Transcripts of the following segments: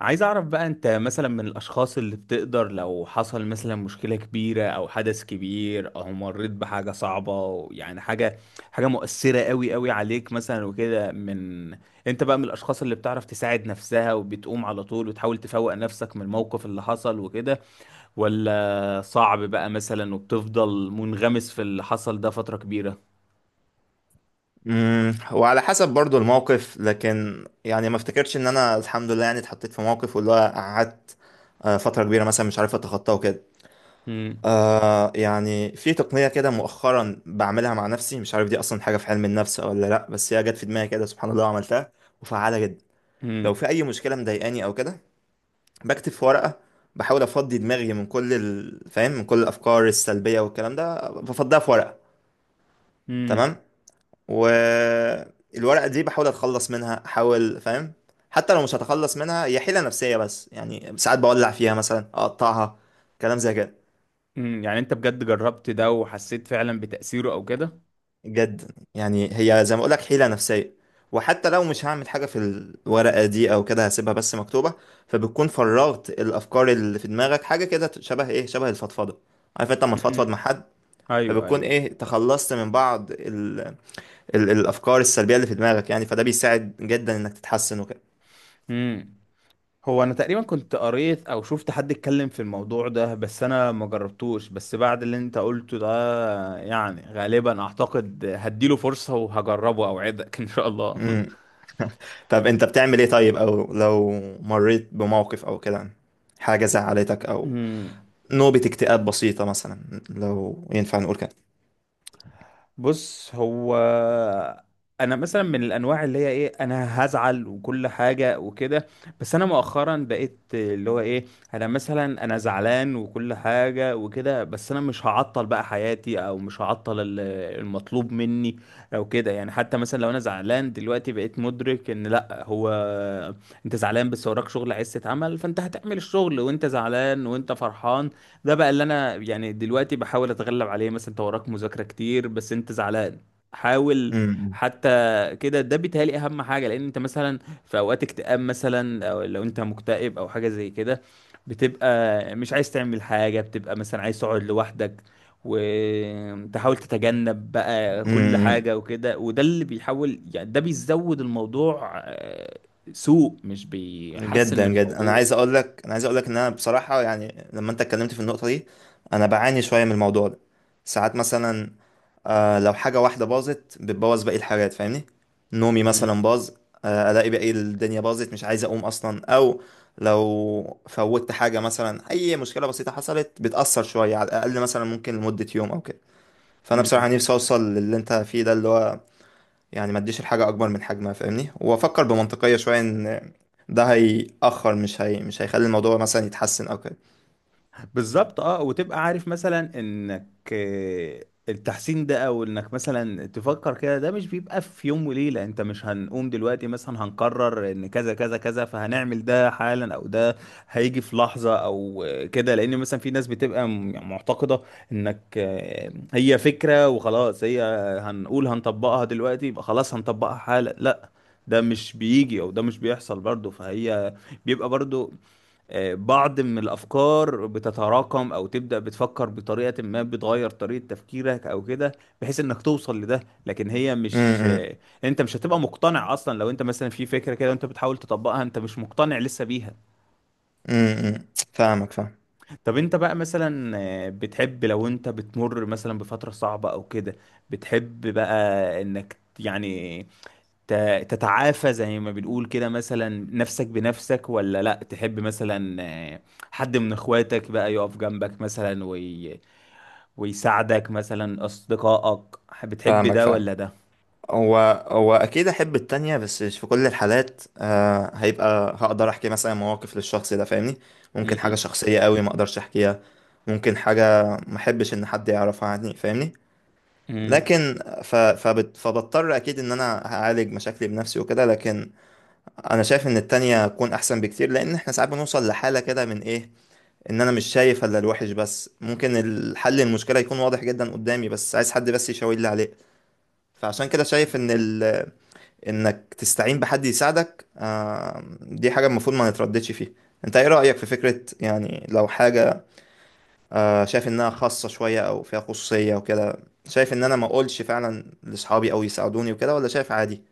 عايز اعرف بقى انت مثلا من الاشخاص اللي بتقدر لو حصل مثلا مشكلة كبيرة او حدث كبير او مريت بحاجة صعبة، يعني حاجة مؤثرة قوي قوي عليك مثلا وكده. انت بقى من الاشخاص اللي بتعرف تساعد نفسها وبتقوم على طول وتحاول تفوق نفسك من الموقف اللي حصل وكده، ولا صعب بقى مثلا وبتفضل منغمس في اللي حصل ده فترة كبيرة؟ وعلى حسب برضو الموقف، لكن يعني ما افتكرش ان انا الحمد لله يعني اتحطيت في موقف واللي هو قعدت فترة كبيرة مثلا مش عارف اتخطاه وكده. امم. يعني في تقنية كده مؤخرا بعملها مع نفسي، مش عارف دي اصلا حاجة في علم النفس ولا لا، بس هي جت في دماغي كده سبحان الله وعملتها، وفعالة جدا. لو امم. في اي مشكلة مضايقاني او كده بكتب في ورقة، بحاول افضي دماغي من كل فاهم، من كل الافكار السلبية والكلام ده، بفضيها في ورقة. امم. تمام. والورقة دي بحاول اتخلص منها، احاول، فاهم، حتى لو مش هتخلص منها هي حيلة نفسية، بس يعني ساعات بولع فيها مثلا، اقطعها، كلام زي كده. يعني انت بجد جربت ده وحسيت فعلا بتأثيره او كده؟ جد يعني هي زي ما اقولك حيلة نفسية، وحتى لو مش هعمل حاجة في الورقة دي او كده هسيبها بس مكتوبة، فبتكون فرغت الافكار اللي في دماغك. حاجة كده شبه ايه، شبه الفضفضة. عارف انت لما تفضفض مع حد، ايوه، فبتكون ايوه. ايه تخلصت من بعض الافكار السلبية اللي في دماغك. يعني فده بيساعد جدا انك تتحسن وكده. امم. هو انا تقريبا كنت قريت او شفت حد اتكلم في الموضوع ده، بس انا ما جربتوش. بس بعد اللي انت قلته ده، يعني غالبا اعتقد هديله فرصة وهجربه، اوعدك ان شاء الله. مم. طب انت بتعمل ايه طيب، او لو مريت بموقف او كده، حاجة زعلتك، او امم. نوبة اكتئاب بسيطة مثلا لو ينفع نقول كده. بص، هو انا مثلا من الانواع اللي هي ايه، انا هزعل وكل حاجه وكده. بس انا مؤخرا بقيت اللي هو ايه، انا مثلا انا زعلان وكل حاجه وكده، بس انا مش هعطل بقى حياتي او مش هعطل المطلوب مني او كده. يعني حتى مثلا لو انا زعلان دلوقتي، بقيت مدرك ان لا، هو انت زعلان بس وراك شغل عايز تتعمل، فانت هتعمل الشغل وانت زعلان وانت فرحان. ده بقى اللي انا يعني دلوقتي بحاول اتغلب عليه. مثلا انت وراك مذاكرة كتير بس انت زعلان، حاول حتى كده. ده بيتهيألي اهم حاجة، لان انت مثلا في اوقات اكتئاب مثلا، او لو انت مكتئب او حاجة زي كده، بتبقى مش عايز تعمل حاجة، بتبقى مثلا عايز تقعد لوحدك وتحاول تتجنب بقى كل امم. حاجة وكده. وده اللي بيحاول، يعني ده بيزود الموضوع سوء، مش بيحسن جدا من جدا، انا الموضوع. عايز اقول لك، انا عايز اقول لك ان انا بصراحه يعني لما انت اتكلمت في النقطه دي انا بعاني شويه من الموضوع ده. ساعات مثلا لو حاجه واحده باظت بتبوظ باقي الحاجات، فاهمني، نومي مثلا باظ، الاقي باقي الدنيا باظت، مش عايز اقوم اصلا، او لو فوتت حاجه مثلا، اي مشكله بسيطه حصلت بتاثر شويه على الاقل مثلا، ممكن لمده يوم او كده. فانا مم. بصراحه نفسي اوصل للي انت فيه ده، اللي هو يعني ما اديش الحاجة اكبر من حجمها، فاهمني، وافكر بمنطقية شوية ان ده هيأخر، مش هي مش هيخلي الموضوع مثلا يتحسن او كده. بالظبط، اه. وتبقى عارف مثلا انك التحسين ده او انك مثلا تفكر كده، ده مش بيبقى في يوم وليلة. انت مش هنقوم دلوقتي مثلا هنقرر ان كذا كذا كذا فهنعمل ده حالا، او ده هيجي في لحظة او كده. لان مثلا في ناس بتبقى يعني معتقدة انك هي فكرة وخلاص، هي هنقول هنطبقها دلوقتي يبقى خلاص هنطبقها حالا. لا، ده مش بيجي او ده مش بيحصل برضه. فهي بيبقى برضو بعض من الأفكار بتتراكم، أو تبدأ بتفكر بطريقة ما، بتغير طريقة تفكيرك أو كده، بحيث إنك توصل لده. لكن هي امم، مش امم. أنت مش هتبقى مقتنع أصلا لو أنت مثلا في فكرة كده وأنت بتحاول تطبقها أنت مش مقتنع لسه بيها. إمم، إمم. فاهمك فاهم. طب أنت بقى مثلا بتحب لو أنت بتمر مثلا بفترة صعبة أو كده، بتحب بقى إنك يعني تتعافى زي ما بنقول كده مثلا نفسك بنفسك، ولا لا تحب مثلا آه، حد من اخواتك بقى يقف جنبك مثلا ويساعدك، مثلا اصدقائك؟ بتحب فاهمك ده فاهم. ولا ده؟ هو هو اكيد احب التانية، بس مش في كل الحالات. آه هيبقى هقدر احكي مثلا مواقف للشخص ده، فاهمني. ممكن حاجة شخصية قوي ما اقدرش احكيها، ممكن حاجة ما احبش ان حد يعرفها عني، فاهمني. مم. لكن فبضطر اكيد ان انا هعالج مشاكلي بنفسي وكده. لكن انا شايف ان التانية تكون احسن بكتير، لان احنا ساعات بنوصل لحالة كده من ايه، ان انا مش شايف الا الوحش، بس ممكن الحل، المشكلة يكون واضح جدا قدامي، بس عايز حد بس يشاور لي عليه. فعشان كده شايف ان انك تستعين بحد يساعدك، آه دي حاجة المفروض ما نترددش فيها. انت ايه رأيك في فكرة، يعني لو حاجة آه شايف انها خاصة شوية او فيها خصوصية وكده، شايف ان انا ما اقولش فعلا لاصحابي او يساعدوني وكده، ولا شايف عادي؟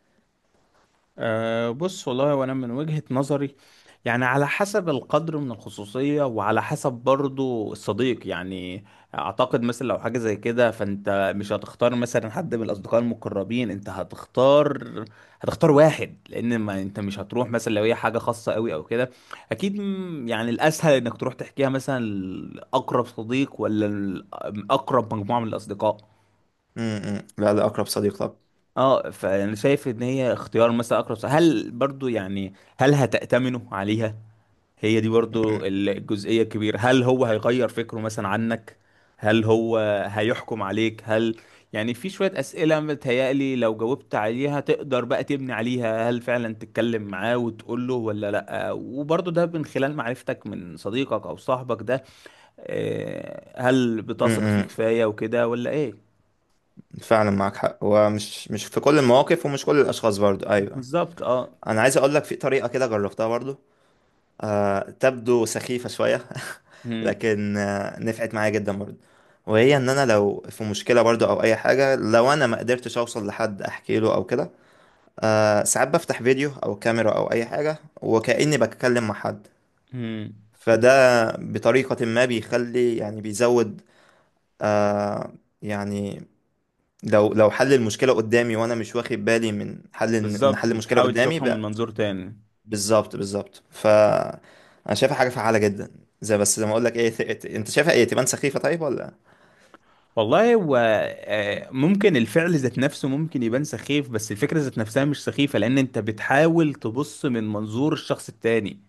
أه، بص والله، وانا من وجهة نظري يعني على حسب القدر من الخصوصية وعلى حسب برضو الصديق. يعني اعتقد مثلا لو حاجة زي كده، فانت مش هتختار مثلا حد من الاصدقاء المقربين، انت هتختار واحد. لان ما انت مش هتروح مثلا لو هي حاجة خاصة قوي او كده. اكيد يعني الاسهل انك تروح تحكيها مثلا لاقرب صديق، ولا اقرب مجموعة من الاصدقاء. لا، لا، اقرب صديق. اه، فانا شايف ان هي اختيار مثلا اقرب صح. هل برضو يعني هل هتأتمنه عليها؟ هي دي برضو الجزئية الكبيرة. هل هو هيغير فكره مثلا عنك؟ هل هو هيحكم عليك؟ هل، يعني في شوية أسئلة متهيألي لو جاوبت عليها تقدر بقى تبني عليها هل فعلا تتكلم معاه وتقول له ولا لأ. وبرضه ده من خلال معرفتك من صديقك أو صاحبك ده، هل بتثق فيه طب كفاية وكده ولا إيه؟ فعلا معاك حق، ومش مش في كل المواقف ومش كل الاشخاص برضو، ايوه. بالظبط، اه. انا عايز اقول لك في طريقه كده جربتها برضو، تبدو سخيفه شويه مم. لكن نفعت معايا جدا برضو. وهي ان انا لو في مشكله برضو او اي حاجه، لو انا ما قدرتش اوصل لحد احكي له او كده، ساعات بفتح فيديو او كاميرا او اي حاجه وكاني بتكلم مع حد. مم. فده بطريقه ما بيخلي، يعني بيزود، آه يعني لو حل المشكلة قدامي وانا مش واخد بالي من حل، ان بالظبط، حل المشكلة بتحاول قدامي تشوفها من بقى. منظور تاني. بالظبط، بالظبط، ف انا شايفها حاجة فعالة جدا. زي بس زي ما اقول لك ايه، انت شايفها ايه، تبان سخيفة طيب ولا؟ والله، هو ممكن الفعل ذات نفسه ممكن يبان سخيف، بس الفكرة ذات نفسها مش سخيفة، لأن أنت بتحاول تبص من منظور الشخص التاني.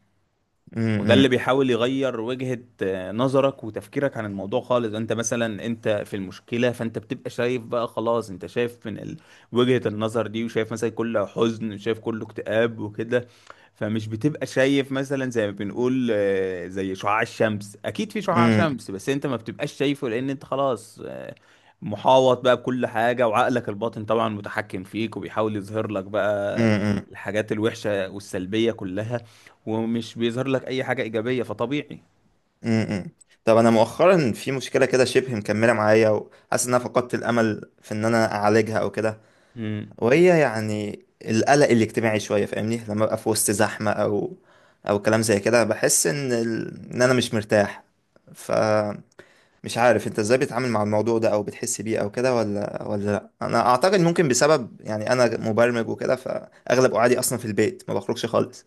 وده اللي امم. بيحاول يغير وجهة نظرك وتفكيرك عن الموضوع خالص. انت مثلا انت في المشكلة، فانت بتبقى شايف بقى خلاص انت شايف من وجهة النظر دي، وشايف مثلا كله حزن، وشايف كله اكتئاب وكده. فمش بتبقى شايف مثلا زي ما بنقول زي شعاع الشمس. اكيد في شعاع امم. شمس بس انت ما بتبقاش شايفه، لان انت خلاص محاوط بقى بكل حاجة، وعقلك الباطن طبعا متحكم فيك وبيحاول يظهر لك بقى امم. الحاجات الوحشة والسلبية كلها، ومش بيظهر لك اي حاجة ايجابية. فطبيعي. امم. طب انا مؤخرا في مشكلة كده شبه مكملة معايا، وحاسس ان انا فقدت الامل في ان انا اعالجها او كده، مم. وهي يعني القلق الاجتماعي شوية، فاهمني، لما ابقى في وسط زحمة او او كلام زي كده بحس ان ان انا مش مرتاح. ف مش عارف انت ازاي بتتعامل مع الموضوع ده او بتحس بيه او كده، ولا لا انا اعتقد ممكن بسبب، يعني انا مبرمج وكده، فاغلب قعدي اصلا في البيت ما بخرجش خالص.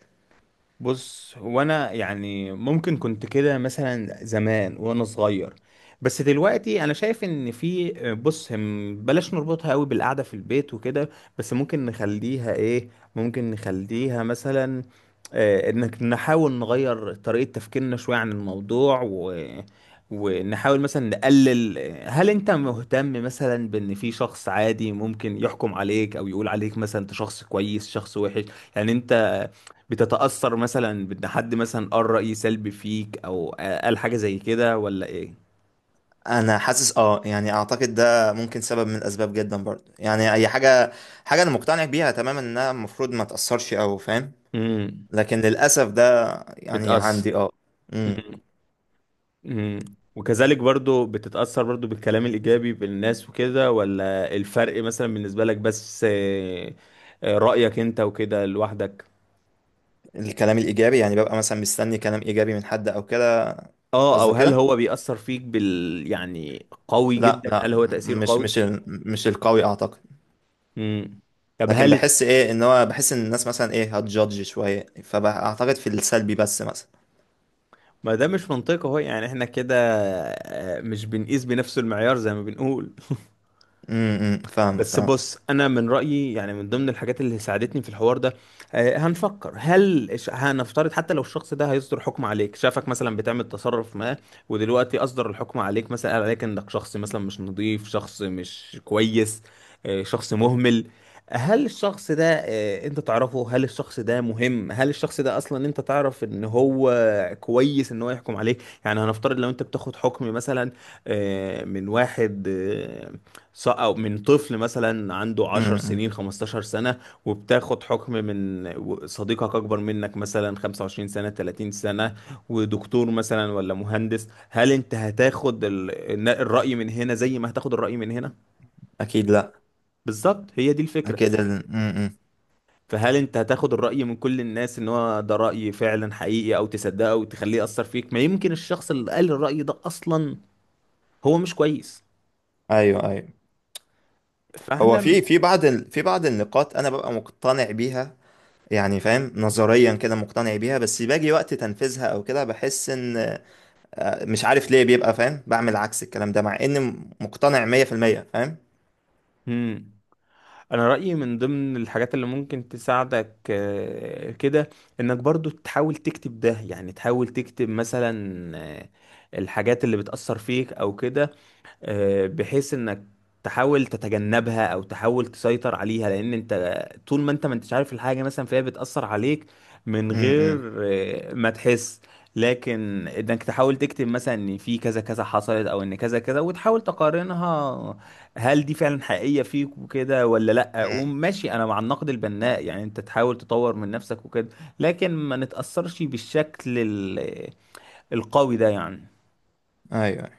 بص، هو انا يعني ممكن كنت كده مثلا زمان وانا صغير، بس دلوقتي انا شايف ان في، بص، هم بلاش نربطها قوي بالقعده في البيت وكده، بس ممكن نخليها ايه، ممكن نخليها مثلا انك نحاول نغير طريقه تفكيرنا شويه عن الموضوع ونحاول مثلا نقلل. هل انت مهتم مثلا بان في شخص عادي ممكن يحكم عليك او يقول عليك مثلا انت شخص كويس، شخص وحش؟ يعني انت بتتأثر مثلا بان حد مثلا قال رأي سلبي فيك او قال حاجة زي كده ولا ايه؟ انا حاسس اه يعني اعتقد ده ممكن سبب من الاسباب جدا برضه، يعني اي حاجه، حاجه انا مقتنع بيها تماما انها المفروض ما تاثرش، او فاهم، امم. لكن للاسف ده يعني بتأثر. عندي امم. امم. امم، وكذلك برضو بتتأثر برضو بالكلام الإيجابي بالناس وكده، ولا الفرق مثلا بالنسبة لك بس رأيك انت وكده لوحدك؟ الكلام الايجابي، يعني ببقى مثلا مستني كلام ايجابي من حد او كده؟ اه، او قصدك هل كده؟ هو بيأثر فيك بال، يعني قوي لا، جدا؟ لا، هل هو تأثير مش قوي؟ مش ال- مش القوي اعتقد. امم. طب لكن هل، بحس ايه ان هو بحس ان الناس مثلا ايه هتجادج شويه، فاعتقد في السلبي بس مثلا. ما ده مش منطقي اهو. يعني احنا كده مش بنقيس بنفس المعيار زي ما بنقول. امم. فاهمك بس اه. بص، انا من رايي يعني من ضمن الحاجات اللي ساعدتني في الحوار ده هنفكر هل هنفترض حتى لو الشخص ده هيصدر حكم عليك، شافك مثلا بتعمل تصرف ما، ودلوقتي اصدر الحكم عليك مثلا قال عليك انك شخص مثلا مش نظيف، شخص مش كويس، شخص مهمل. هل الشخص ده انت تعرفه؟ هل الشخص ده مهم؟ هل الشخص ده اصلا انت تعرف ان هو كويس ان هو يحكم عليك؟ يعني هنفترض لو انت بتاخد حكم مثلا من واحد أو من طفل مثلا عنده 10 امم. سنين، 15 سنة، وبتاخد حكم من صديقك أكبر منك مثلا 25 سنة، 30 سنة، ودكتور مثلا ولا مهندس، هل أنت هتاخد الرأي من هنا زي ما هتاخد الرأي من هنا؟ اكيد لا. بالظبط، هي دي الفكرة. اكيد. امم. فهل أنت هتاخد الرأي من كل الناس إن هو ده رأي فعلا حقيقي أو تصدقه وتخليه يأثر فيك؟ ما يمكن الشخص اللي قال الرأي ده أصلا هو مش كويس. ايوه، ايوه. هو فاحنا، في بعض في بعض النقاط انا ببقى مقتنع بيها، يعني فاهم نظريا كده مقتنع بيها، بس باجي وقت تنفيذها او كده بحس ان مش عارف ليه بيبقى فاهم، بعمل عكس الكلام ده مع اني مقتنع 100% فاهم. مم. انا رايي من ضمن الحاجات اللي ممكن تساعدك كده انك برضو تحاول تكتب ده، يعني تحاول تكتب مثلا آه، الحاجات اللي بتاثر فيك او كده، بحيث انك تحاول تتجنبها او تحاول تسيطر عليها، لان انت طول ما انت ما انتش عارف الحاجه مثلا فهي بتاثر عليك من امم. غير ما تحس. لكن انك تحاول تكتب مثلا ان في كذا كذا حصلت او ان كذا كذا، وتحاول تقارنها هل دي فعلا حقيقيه فيك وكده ولا لا. ايوه. وماشي، انا مع النقد البناء، يعني انت تحاول تطور من نفسك وكده، لكن ما نتاثرش بالشكل القوي ده يعني. أيوة.